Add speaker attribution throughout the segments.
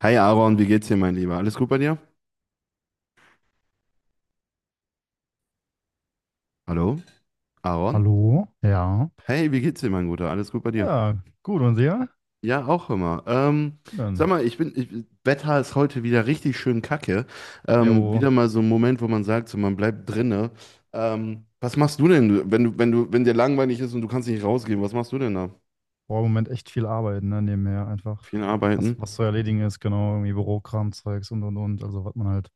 Speaker 1: Hey Aaron, wie geht's dir, mein Lieber? Alles gut bei dir? Hallo? Aaron?
Speaker 2: Hallo? Ja.
Speaker 1: Hey, wie geht's dir, mein Guter? Alles gut bei dir?
Speaker 2: Ja, gut. Und sehr?
Speaker 1: Ja, auch immer. Sag
Speaker 2: Schön.
Speaker 1: mal, Wetter ist heute wieder richtig schön kacke.
Speaker 2: Jo,
Speaker 1: Wieder mal so ein Moment, wo man sagt, so, man bleibt drinne. Was machst du denn, wenn dir langweilig ist und du kannst nicht rausgehen, was machst du denn da?
Speaker 2: boah, im Moment echt viel arbeiten, ne? Nebenher einfach,
Speaker 1: Viel
Speaker 2: was,
Speaker 1: arbeiten?
Speaker 2: was zu erledigen ist, genau, irgendwie Bürokram, Zeugs und und. Also, was man halt,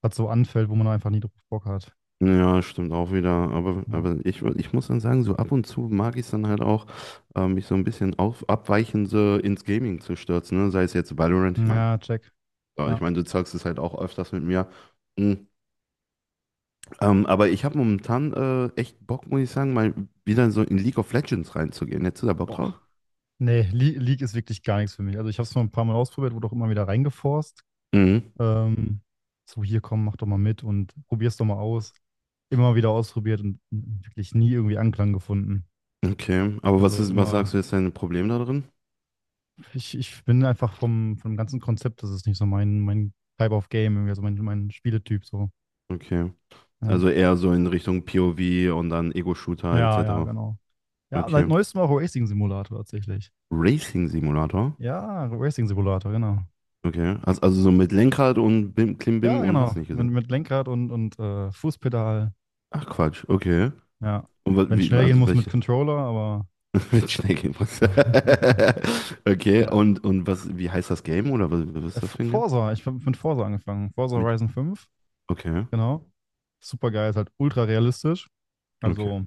Speaker 2: was so anfällt, wo man einfach nie drauf Bock hat.
Speaker 1: Ja, stimmt auch wieder. Aber,
Speaker 2: Ja.
Speaker 1: aber ich muss dann sagen, so ab und zu mag ich es dann halt auch, mich so ein bisschen auf, abweichend so ins Gaming zu stürzen. Ne? Sei es jetzt Valorant, ich meine.
Speaker 2: Ja, check.
Speaker 1: Ja, ich
Speaker 2: Ja.
Speaker 1: meine, du zockst es halt auch öfters mit mir. Mhm. Aber ich habe momentan echt Bock, muss ich sagen, mal wieder so in League of Legends reinzugehen. Hättest du da Bock drauf?
Speaker 2: Boah. Nee, Le League ist wirklich gar nichts für mich. Also, ich habe es mal ein paar Mal ausprobiert, wurde auch immer wieder reingeforst.
Speaker 1: Mhm.
Speaker 2: Ähm, so, hier komm, mach doch mal mit und probier's doch mal aus. Immer wieder ausprobiert und wirklich nie irgendwie Anklang gefunden.
Speaker 1: Okay. Aber was
Speaker 2: Also,
Speaker 1: ist, was
Speaker 2: immer.
Speaker 1: sagst du, ist dein Problem da drin?
Speaker 2: Ich bin einfach vom ganzen Konzept, das ist nicht so mein Type of Game, irgendwie, also mein Spieletyp so.
Speaker 1: Okay.
Speaker 2: Ja.
Speaker 1: Also eher so in Richtung POV und dann Ego-Shooter
Speaker 2: Ja, ja,
Speaker 1: etc.
Speaker 2: genau. Ja, seit
Speaker 1: Okay.
Speaker 2: neuestem auch Racing Simulator tatsächlich.
Speaker 1: Racing Simulator?
Speaker 2: Ja, Racing Simulator, genau.
Speaker 1: Okay. Also so mit Lenkrad und Bim, Klimbim
Speaker 2: Ja,
Speaker 1: und hast
Speaker 2: genau.
Speaker 1: nicht
Speaker 2: Mit,
Speaker 1: gesehen.
Speaker 2: mit Lenkrad und Fußpedal.
Speaker 1: Ach Quatsch, okay.
Speaker 2: Ja.
Speaker 1: Und
Speaker 2: Wenn es
Speaker 1: wie,
Speaker 2: schnell gehen
Speaker 1: also
Speaker 2: muss mit
Speaker 1: welche?
Speaker 2: Controller, aber.
Speaker 1: Mit was? Okay,
Speaker 2: Ja.
Speaker 1: und was, wie heißt das Game oder was, was
Speaker 2: Äh,
Speaker 1: ist das
Speaker 2: F-
Speaker 1: für ein Game?
Speaker 2: Forza, ich bin mit Forza angefangen. Forza
Speaker 1: Mit,
Speaker 2: Horizon 5,
Speaker 1: okay,
Speaker 2: genau. Super geil, ist halt ultra realistisch.
Speaker 1: okay,
Speaker 2: Also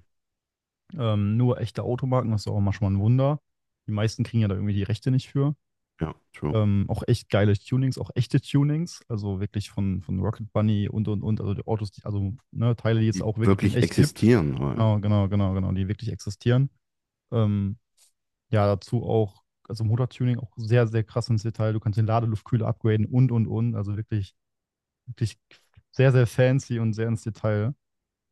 Speaker 2: Ähm, nur echte Automarken, das ist auch manchmal ein Wunder. Die meisten kriegen ja da irgendwie die Rechte nicht für.
Speaker 1: ja, true.
Speaker 2: Auch echt geile Tunings, auch echte Tunings, also wirklich von Rocket Bunny und, also die Autos, die, also ne, Teile, die es
Speaker 1: Die
Speaker 2: auch wirklich in
Speaker 1: wirklich
Speaker 2: echt gibt.
Speaker 1: existieren, aber-
Speaker 2: Genau, genau, genau, genau, die wirklich existieren. Ähm, ja, dazu auch, also Motortuning auch sehr, sehr krass ins Detail. Du kannst den Ladeluftkühler upgraden und, also wirklich, wirklich sehr, sehr fancy und sehr ins Detail.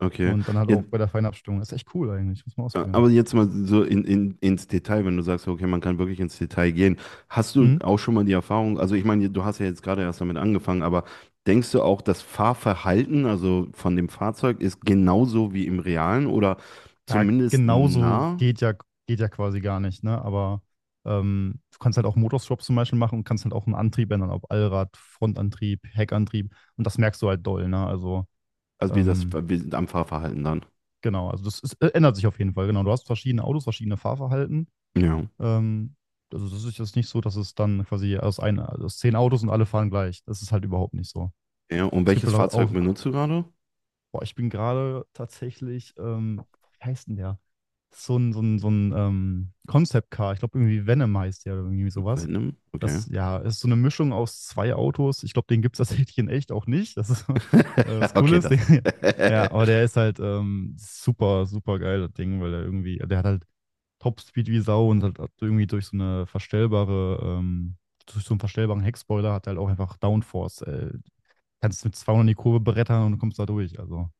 Speaker 1: Okay.
Speaker 2: Und dann halt
Speaker 1: Ja,
Speaker 2: auch bei der Feinabstimmung. Das ist echt cool eigentlich, muss man ausprobieren.
Speaker 1: aber jetzt mal so ins Detail, wenn du sagst, okay, man kann wirklich ins Detail gehen. Hast du
Speaker 2: Hm?
Speaker 1: auch schon mal die Erfahrung, also ich meine, du hast ja jetzt gerade erst damit angefangen, aber denkst du auch, das Fahrverhalten, also von dem Fahrzeug, ist genauso wie im Realen oder
Speaker 2: Ja,
Speaker 1: zumindest
Speaker 2: genauso
Speaker 1: nah,
Speaker 2: geht ja quasi gar nicht, ne? Aber du kannst halt auch Motorswap zum Beispiel machen und kannst halt auch einen Antrieb ändern, ob Allrad, Frontantrieb, Heckantrieb. Und das merkst du halt doll, ne? Also,
Speaker 1: also wie das
Speaker 2: ähm,
Speaker 1: wie am Fahrverhalten dann?
Speaker 2: genau, also das ist, ändert sich auf jeden Fall, genau. Du hast verschiedene Autos, verschiedene Fahrverhalten.
Speaker 1: Ja.
Speaker 2: Ähm, also das ist jetzt nicht so, dass es dann quasi aus, ein, aus 10 Autos und alle fahren gleich. Das ist halt überhaupt nicht so.
Speaker 1: Ja, und
Speaker 2: Es gibt
Speaker 1: welches
Speaker 2: halt
Speaker 1: Fahrzeug
Speaker 2: auch.
Speaker 1: benutzt du gerade?
Speaker 2: Boah, ich bin gerade tatsächlich, wie heißt denn der? So ein Concept Car. Ich glaube, irgendwie Venom heißt der oder irgendwie sowas.
Speaker 1: Venom? Okay.
Speaker 2: Das, ja, ist so eine Mischung aus zwei Autos. Ich glaube, den gibt es tatsächlich in echt auch nicht. Das ist das Coole
Speaker 1: Okay,
Speaker 2: ist
Speaker 1: das.
Speaker 2: der, ja, aber der ist halt super, super geil, das Ding, weil der irgendwie, der hat halt Topspeed wie Sau und halt irgendwie durch so einen verstellbaren Heckspoiler hat er halt auch einfach Downforce. Kannst mit 200 in die Kurve brettern und kommst da durch. Also.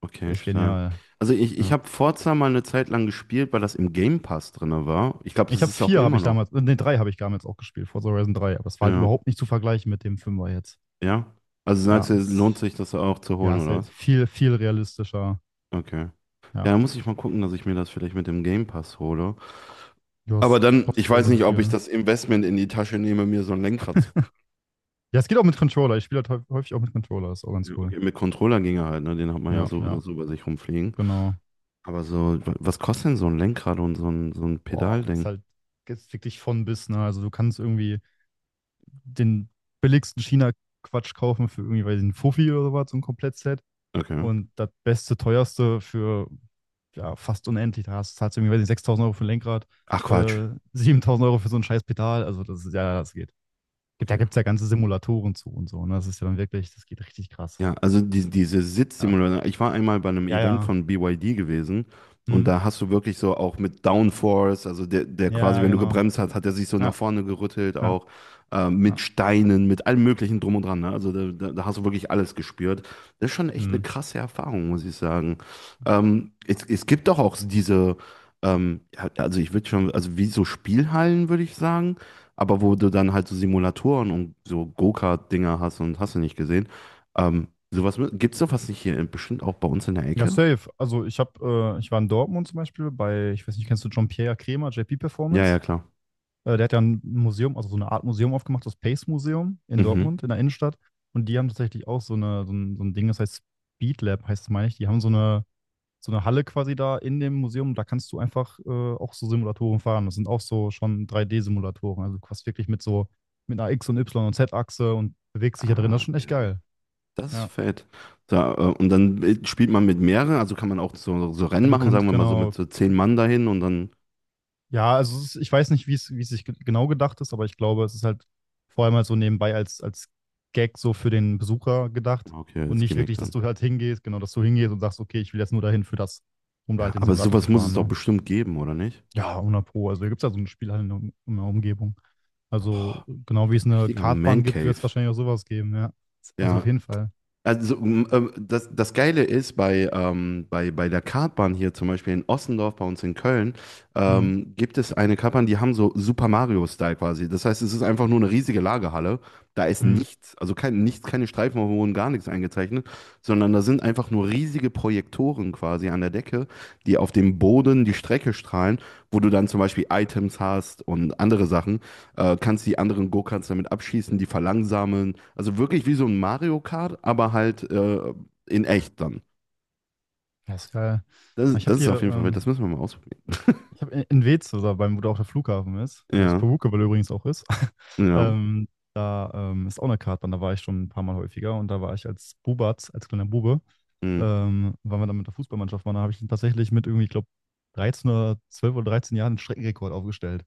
Speaker 1: Okay,
Speaker 2: Echt
Speaker 1: stark.
Speaker 2: genial.
Speaker 1: Also ich
Speaker 2: Ja.
Speaker 1: habe Forza mal eine Zeit lang gespielt, weil das im Game Pass drin war. Ich glaube,
Speaker 2: Ich
Speaker 1: das
Speaker 2: habe
Speaker 1: ist auch
Speaker 2: vier, habe
Speaker 1: immer
Speaker 2: ich
Speaker 1: noch.
Speaker 2: damals, nee, drei habe ich damals auch gespielt, Forza Horizon 3, aber es war halt
Speaker 1: Ja,
Speaker 2: überhaupt nicht zu vergleichen mit dem Fünfer jetzt.
Speaker 1: ja. Also
Speaker 2: Ja,
Speaker 1: sagst du, lohnt
Speaker 2: es,
Speaker 1: sich das auch zu
Speaker 2: ja,
Speaker 1: holen,
Speaker 2: es ist
Speaker 1: oder
Speaker 2: halt
Speaker 1: was?
Speaker 2: viel, viel realistischer.
Speaker 1: Okay.
Speaker 2: Ja,
Speaker 1: Ja, da muss ich mal gucken, dass ich mir das vielleicht mit dem Game Pass hole.
Speaker 2: ja, es
Speaker 1: Aber dann, ich
Speaker 2: kostet, glaube ich,
Speaker 1: weiß
Speaker 2: nur so
Speaker 1: nicht, ob
Speaker 2: viel.
Speaker 1: ich
Speaker 2: Ne?
Speaker 1: das Investment in die Tasche nehme, mir so ein Lenkrad zu.
Speaker 2: Ja, es geht auch mit Controller. Ich spiele halt häufig auch mit Controller, ist auch ganz
Speaker 1: Ja,
Speaker 2: cool.
Speaker 1: okay, mit Controller ginge halt, ne? Den hat man ja
Speaker 2: Ja,
Speaker 1: so oder
Speaker 2: ja,
Speaker 1: so bei sich rumfliegen.
Speaker 2: genau.
Speaker 1: Aber so, was kostet denn so ein Lenkrad und so ein
Speaker 2: Boah, ist
Speaker 1: Pedalding?
Speaker 2: halt jetzt wirklich von bis, ne? Also du kannst irgendwie den billigsten China-Quatsch kaufen für irgendwie, weiß ich, einen Fuffi oder sowas, so ein Komplettset.
Speaker 1: Okay.
Speaker 2: Und das beste, teuerste für, ja, fast unendlich. Zahlst du irgendwie, weiß nicht, 6.000 € für ein Lenkrad,
Speaker 1: Ach Quatsch.
Speaker 2: äh, 7.000 € für so ein scheiß Pedal. Also das ist ja, das geht. Da
Speaker 1: Okay.
Speaker 2: gibt es ja ganze Simulatoren zu und so. Ne? Das ist ja dann wirklich, das geht richtig krass.
Speaker 1: Ja, also die, diese
Speaker 2: Ja,
Speaker 1: Sitzsimulation. Ich war einmal bei einem
Speaker 2: ja,
Speaker 1: Event
Speaker 2: ja.
Speaker 1: von BYD gewesen und
Speaker 2: Hm.
Speaker 1: da hast du wirklich so auch mit Downforce, also der, der quasi,
Speaker 2: Ja,
Speaker 1: wenn du
Speaker 2: genau.
Speaker 1: gebremst hast, hat er sich so nach
Speaker 2: Ja,
Speaker 1: vorne gerüttelt,
Speaker 2: ja,
Speaker 1: auch mit
Speaker 2: ja.
Speaker 1: Steinen, mit allem Möglichen drum und dran. Ne? Also da hast du wirklich alles gespürt. Das ist schon echt eine
Speaker 2: Hm.
Speaker 1: krasse Erfahrung, muss ich sagen. Es gibt doch auch diese, ja, also ich würde schon, also wie so Spielhallen, würde ich sagen. Aber wo du dann halt so Simulatoren und so Go-Kart-Dinger hast und hast du nicht gesehen. Sowas gibt es doch was nicht hier, bestimmt auch bei uns in der
Speaker 2: Ja,
Speaker 1: Ecke?
Speaker 2: safe. Also ich war in Dortmund zum Beispiel bei, ich weiß nicht, kennst du Jean-Pierre Kremer, JP
Speaker 1: Ja, ja,
Speaker 2: Performance?
Speaker 1: klar.
Speaker 2: Der hat ja ein Museum, also so eine Art Museum aufgemacht, das Pace Museum in
Speaker 1: Mhm.
Speaker 2: Dortmund, in der Innenstadt. Und die haben tatsächlich auch so, eine, so ein Ding, das heißt Speed Lab, heißt es, meine ich. Die haben so eine Halle quasi da in dem Museum. Da kannst du einfach auch so Simulatoren fahren. Das sind auch so schon 3D-Simulatoren. Also du fährst wirklich mit einer X- und Y- und Z-Achse und bewegst dich da drin. Das
Speaker 1: Ah,
Speaker 2: ist schon echt
Speaker 1: geil.
Speaker 2: geil.
Speaker 1: Das ist
Speaker 2: Ja.
Speaker 1: fett. So, und dann spielt man mit mehreren, also kann man auch so, so
Speaker 2: Ja,
Speaker 1: Rennen
Speaker 2: du
Speaker 1: machen, sagen
Speaker 2: kannst,
Speaker 1: wir mal so mit
Speaker 2: genau,
Speaker 1: so 10 Mann dahin und dann.
Speaker 2: ja, also es ist, ich weiß nicht, wie es sich genau gedacht ist, aber ich glaube, es ist halt vor allem halt so nebenbei als Gag so für den Besucher gedacht
Speaker 1: Ah, okay,
Speaker 2: und
Speaker 1: jetzt geh
Speaker 2: nicht
Speaker 1: ich
Speaker 2: wirklich, dass
Speaker 1: dann.
Speaker 2: du halt hingehst, genau, dass du hingehst und sagst, okay, ich will jetzt nur dahin für das, um da
Speaker 1: Ja,
Speaker 2: halt den
Speaker 1: aber
Speaker 2: Simulator zu
Speaker 1: sowas muss es
Speaker 2: fahren,
Speaker 1: doch
Speaker 2: ne?
Speaker 1: bestimmt geben, oder nicht?
Speaker 2: Ja, 100 Pro. Also hier gibt es ja so ein Spiel halt in der Umgebung. Also genau wie es eine
Speaker 1: Richtiger
Speaker 2: Kartbahn
Speaker 1: Man
Speaker 2: gibt,
Speaker 1: Cave.
Speaker 2: wird es wahrscheinlich auch sowas geben, ja. Also auf
Speaker 1: Ja,
Speaker 2: jeden Fall.
Speaker 1: also, das, das Geile ist bei, bei, bei der Kartbahn hier zum Beispiel in Ossendorf bei uns in Köln,
Speaker 2: Mhm.
Speaker 1: gibt es eine Kartbahn, die haben so Super Mario-Style quasi. Das heißt, es ist einfach nur eine riesige Lagerhalle. Da ist
Speaker 2: Mhm.
Speaker 1: nichts, also kein, nichts, keine Streifen auf gar nichts eingezeichnet, sondern da sind einfach nur riesige Projektoren quasi an der Decke, die auf dem Boden die Strecke strahlen, wo du dann zum Beispiel Items hast und andere Sachen kannst die anderen Go-Karts damit abschießen, die verlangsamen. Also wirklich wie so ein Mario Kart, aber halt in echt dann.
Speaker 2: Ja, ist geil.
Speaker 1: Das,
Speaker 2: Ich habe
Speaker 1: das ist
Speaker 2: hier,
Speaker 1: auf jeden Fall,
Speaker 2: ähm,
Speaker 1: das müssen wir mal ausprobieren.
Speaker 2: Ich habe in Wetz, oder beim, wo da auch der Flughafen ist, wo es
Speaker 1: Ja,
Speaker 2: Perukewell übrigens auch ist,
Speaker 1: ja.
Speaker 2: ähm, da ist auch eine Kartbahn, da war ich schon ein paar Mal häufiger und da war ich als Bubatz, als kleiner Bube,
Speaker 1: Mhm.
Speaker 2: weil wir dann mit der Fußballmannschaft waren, da habe ich tatsächlich mit irgendwie, ich glaube, 13 oder 12 oder 13 Jahren einen Streckenrekord aufgestellt.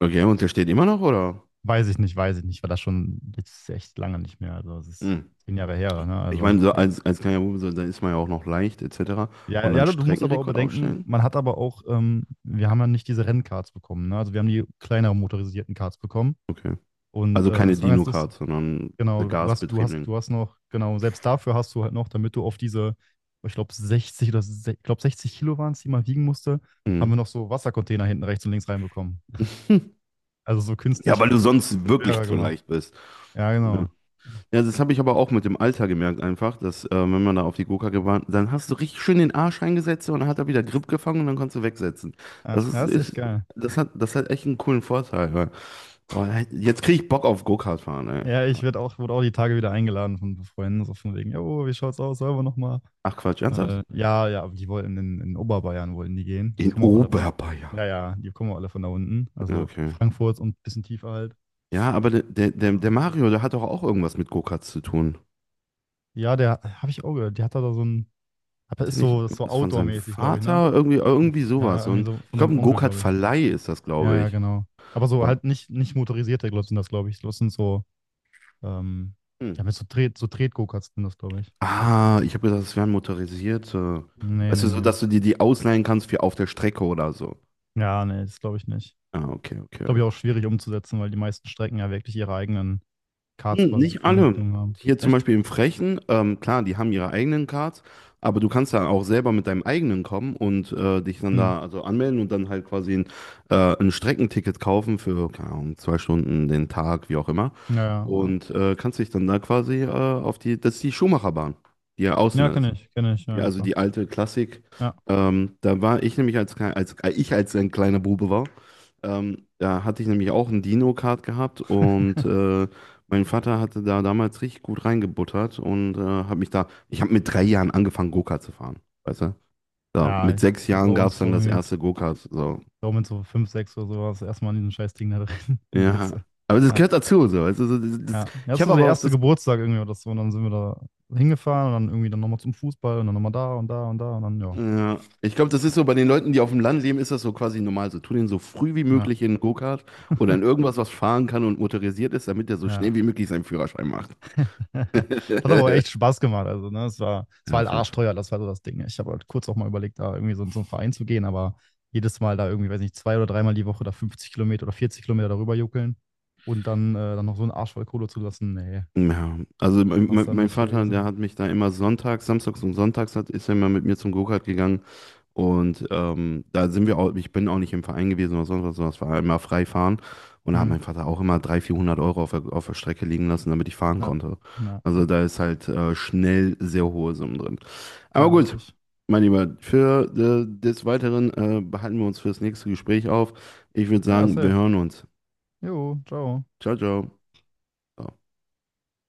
Speaker 1: Okay, und der steht immer noch, oder?
Speaker 2: Weiß ich nicht, war das schon jetzt echt lange nicht mehr, also es ist
Speaker 1: Mhm.
Speaker 2: 10 Jahre her, ne,
Speaker 1: Ich
Speaker 2: also,
Speaker 1: meine, so
Speaker 2: oder,
Speaker 1: als, als kleiner Bube, so, da ist man ja auch noch leicht, etc. Und
Speaker 2: ja, ja,
Speaker 1: dann
Speaker 2: du musst aber auch
Speaker 1: Streckenrekord
Speaker 2: bedenken,
Speaker 1: aufstellen?
Speaker 2: man hat aber auch, wir haben ja nicht diese Rennkarts bekommen, ne? Also wir haben die kleineren motorisierten Karts bekommen.
Speaker 1: Okay.
Speaker 2: Und
Speaker 1: Also keine
Speaker 2: es war ganz
Speaker 1: Dino-Kart,
Speaker 2: lustig.
Speaker 1: sondern
Speaker 2: Genau, du hast, du hast,
Speaker 1: gasbetriebenen.
Speaker 2: du hast noch, genau, selbst dafür hast du halt noch, damit du auf diese, ich glaube 60 oder ich glaube 60 Kilo waren es, die man wiegen musste, haben
Speaker 1: Mhm.
Speaker 2: wir noch so Wassercontainer hinten rechts und links reinbekommen. Also so
Speaker 1: Ja,
Speaker 2: künstlich
Speaker 1: weil du sonst wirklich
Speaker 2: schwerer
Speaker 1: zu
Speaker 2: gemacht.
Speaker 1: leicht bist.
Speaker 2: Ja,
Speaker 1: Ja.
Speaker 2: genau.
Speaker 1: Ja, das habe ich aber auch mit dem Alter gemerkt einfach, dass wenn man da auf die Gurkacke war, dann hast du richtig schön den Arsch eingesetzt und dann hat er wieder Grip gefangen und dann konntest du wegsetzen.
Speaker 2: Ja,
Speaker 1: Das ist,
Speaker 2: das ist echt
Speaker 1: ist
Speaker 2: geil.
Speaker 1: das hat echt einen coolen Vorteil. Weil, oh, jetzt kriege ich Bock auf Go-Kart fahren, ey.
Speaker 2: Ja, ich werde auch, wurde auch die Tage wieder eingeladen von Freunden, so von wegen, jo, wie schaut's aus, sollen wir nochmal?
Speaker 1: Ach Quatsch, ernsthaft?
Speaker 2: Ja, ja, aber die wollten in Oberbayern wollten die gehen. Die
Speaker 1: In
Speaker 2: kommen auch alle von da unten.
Speaker 1: Oberbayern.
Speaker 2: Ja, ja, die kommen auch alle von da unten.
Speaker 1: Ja,
Speaker 2: Also
Speaker 1: okay.
Speaker 2: Frankfurt und ein bisschen tiefer halt.
Speaker 1: Ja, aber der
Speaker 2: Ja.
Speaker 1: Mario, der hat doch auch irgendwas mit Go-Karts zu tun.
Speaker 2: Ja, der habe ich auch gehört. Der hat da so ein, hat-
Speaker 1: Ist der nicht
Speaker 2: ist so
Speaker 1: irgendwas von seinem
Speaker 2: Outdoor-mäßig, glaube ich, ne?
Speaker 1: Vater? Irgendwie, irgendwie
Speaker 2: Ja,
Speaker 1: sowas.
Speaker 2: irgendwie
Speaker 1: Und
Speaker 2: so
Speaker 1: ich
Speaker 2: von seinem
Speaker 1: glaube, ein
Speaker 2: Onkel, glaube ich.
Speaker 1: Go-Kart-Verleih ist das,
Speaker 2: Ja,
Speaker 1: glaube
Speaker 2: ja,
Speaker 1: ich.
Speaker 2: genau. Aber so
Speaker 1: Boah.
Speaker 2: halt nicht, nicht motorisierte Glots sind das, glaube ich. Das sind so, ähm,
Speaker 1: Hm.
Speaker 2: ja, mit so Tret, so Tret-Go-Karts sind das, glaube ich.
Speaker 1: Ah, ich habe gedacht, es wären motorisierte.
Speaker 2: Nee,
Speaker 1: Weißt
Speaker 2: nee,
Speaker 1: du, so
Speaker 2: nee.
Speaker 1: dass du dir die ausleihen kannst für auf der Strecke oder so.
Speaker 2: Ja, nee, das glaube ich nicht.
Speaker 1: Ah, okay, okay.
Speaker 2: Glaube ich auch schwierig umzusetzen, weil die meisten Strecken ja wirklich ihre eigenen Karts
Speaker 1: Hm,
Speaker 2: quasi zur
Speaker 1: nicht alle.
Speaker 2: Vermietung haben.
Speaker 1: Hier zum
Speaker 2: Echt?
Speaker 1: Beispiel im Frechen, klar, die haben ihre eigenen Cards, aber du kannst dann auch selber mit deinem eigenen kommen und dich dann
Speaker 2: Hm.
Speaker 1: da also anmelden und dann halt quasi ein Streckenticket kaufen für, keine Ahnung, 2 Stunden, den Tag, wie auch immer.
Speaker 2: Ja, ja, ja.
Speaker 1: Und kannst dich dann da quasi auf die, das ist die Schumacherbahn, die ja außen
Speaker 2: Ja,
Speaker 1: ist.
Speaker 2: kenne ich, ja,
Speaker 1: Ja,
Speaker 2: ja,
Speaker 1: also
Speaker 2: klar.
Speaker 1: die alte Klassik.
Speaker 2: Ja,
Speaker 1: Da war ich nämlich als ich als ein kleiner Bube war, da hatte ich nämlich auch ein Dino-Kart gehabt und mein Vater hatte da damals richtig gut reingebuttert und hat mich da, ich habe mit 3 Jahren angefangen, Go-Kart zu fahren, weißt du? So,
Speaker 2: ja,
Speaker 1: mit
Speaker 2: ich,
Speaker 1: sechs
Speaker 2: bei
Speaker 1: Jahren gab es
Speaker 2: uns
Speaker 1: dann
Speaker 2: so
Speaker 1: das erste Go-Kart, so.
Speaker 2: So mit so 5 6 oder sowas erstmal in diesem scheiß Ding da drin in
Speaker 1: Ja,
Speaker 2: Weze.
Speaker 1: aber das
Speaker 2: Ja,
Speaker 1: gehört dazu, so. Also, so,
Speaker 2: ja. Ja,
Speaker 1: ich
Speaker 2: das
Speaker 1: habe
Speaker 2: war so der
Speaker 1: aber auch
Speaker 2: erste
Speaker 1: das.
Speaker 2: Geburtstag irgendwie oder so. Und dann sind wir da hingefahren und dann irgendwie dann nochmal zum Fußball und dann nochmal da und da und da und dann, ja.
Speaker 1: Ja, ich glaube, das ist so bei den Leuten, die auf dem Land leben, ist das so quasi normal. So, tu den so früh wie
Speaker 2: Ja,
Speaker 1: möglich in einen Go-Kart oder in irgendwas, was fahren kann und motorisiert ist, damit der so
Speaker 2: ja.
Speaker 1: schnell wie möglich seinen Führerschein macht.
Speaker 2: Das hat aber auch echt Spaß gemacht. Also, ne, es war, es
Speaker 1: Ja,
Speaker 2: war halt
Speaker 1: auf jeden Fall.
Speaker 2: arschteuer, das war so das Ding. Ich habe halt kurz auch mal überlegt, da irgendwie so in so einen Verein zu gehen, aber jedes Mal da irgendwie, weiß nicht, zwei oder dreimal die Woche da 50 Kilometer oder 40 Kilometer darüber juckeln und dann, dann noch so einen Arsch voll Kohle zu lassen, nee,
Speaker 1: Ja, also mein,
Speaker 2: war es
Speaker 1: mein
Speaker 2: dann
Speaker 1: mein
Speaker 2: nicht
Speaker 1: Vater, der
Speaker 2: gewesen.
Speaker 1: hat mich da immer sonntags, samstags und sonntags hat, ist er immer mit mir zum Go-Kart gegangen. Und da sind wir auch, ich bin auch nicht im Verein gewesen oder sonst was, sondern es war immer frei fahren. Und da hat
Speaker 2: Hm.
Speaker 1: mein Vater auch immer 300, 400 Euro auf der Strecke liegen lassen, damit ich fahren
Speaker 2: Ja,
Speaker 1: konnte.
Speaker 2: ja,
Speaker 1: Also
Speaker 2: ja.
Speaker 1: da ist halt schnell sehr hohe Summen drin. Aber
Speaker 2: Ja,
Speaker 1: gut,
Speaker 2: richtig.
Speaker 1: mein Lieber, für des Weiteren behalten wir uns für das nächste Gespräch auf. Ich würde
Speaker 2: Ja,
Speaker 1: sagen, wir
Speaker 2: safe.
Speaker 1: hören uns.
Speaker 2: Jo, ciao.
Speaker 1: Ciao, ciao.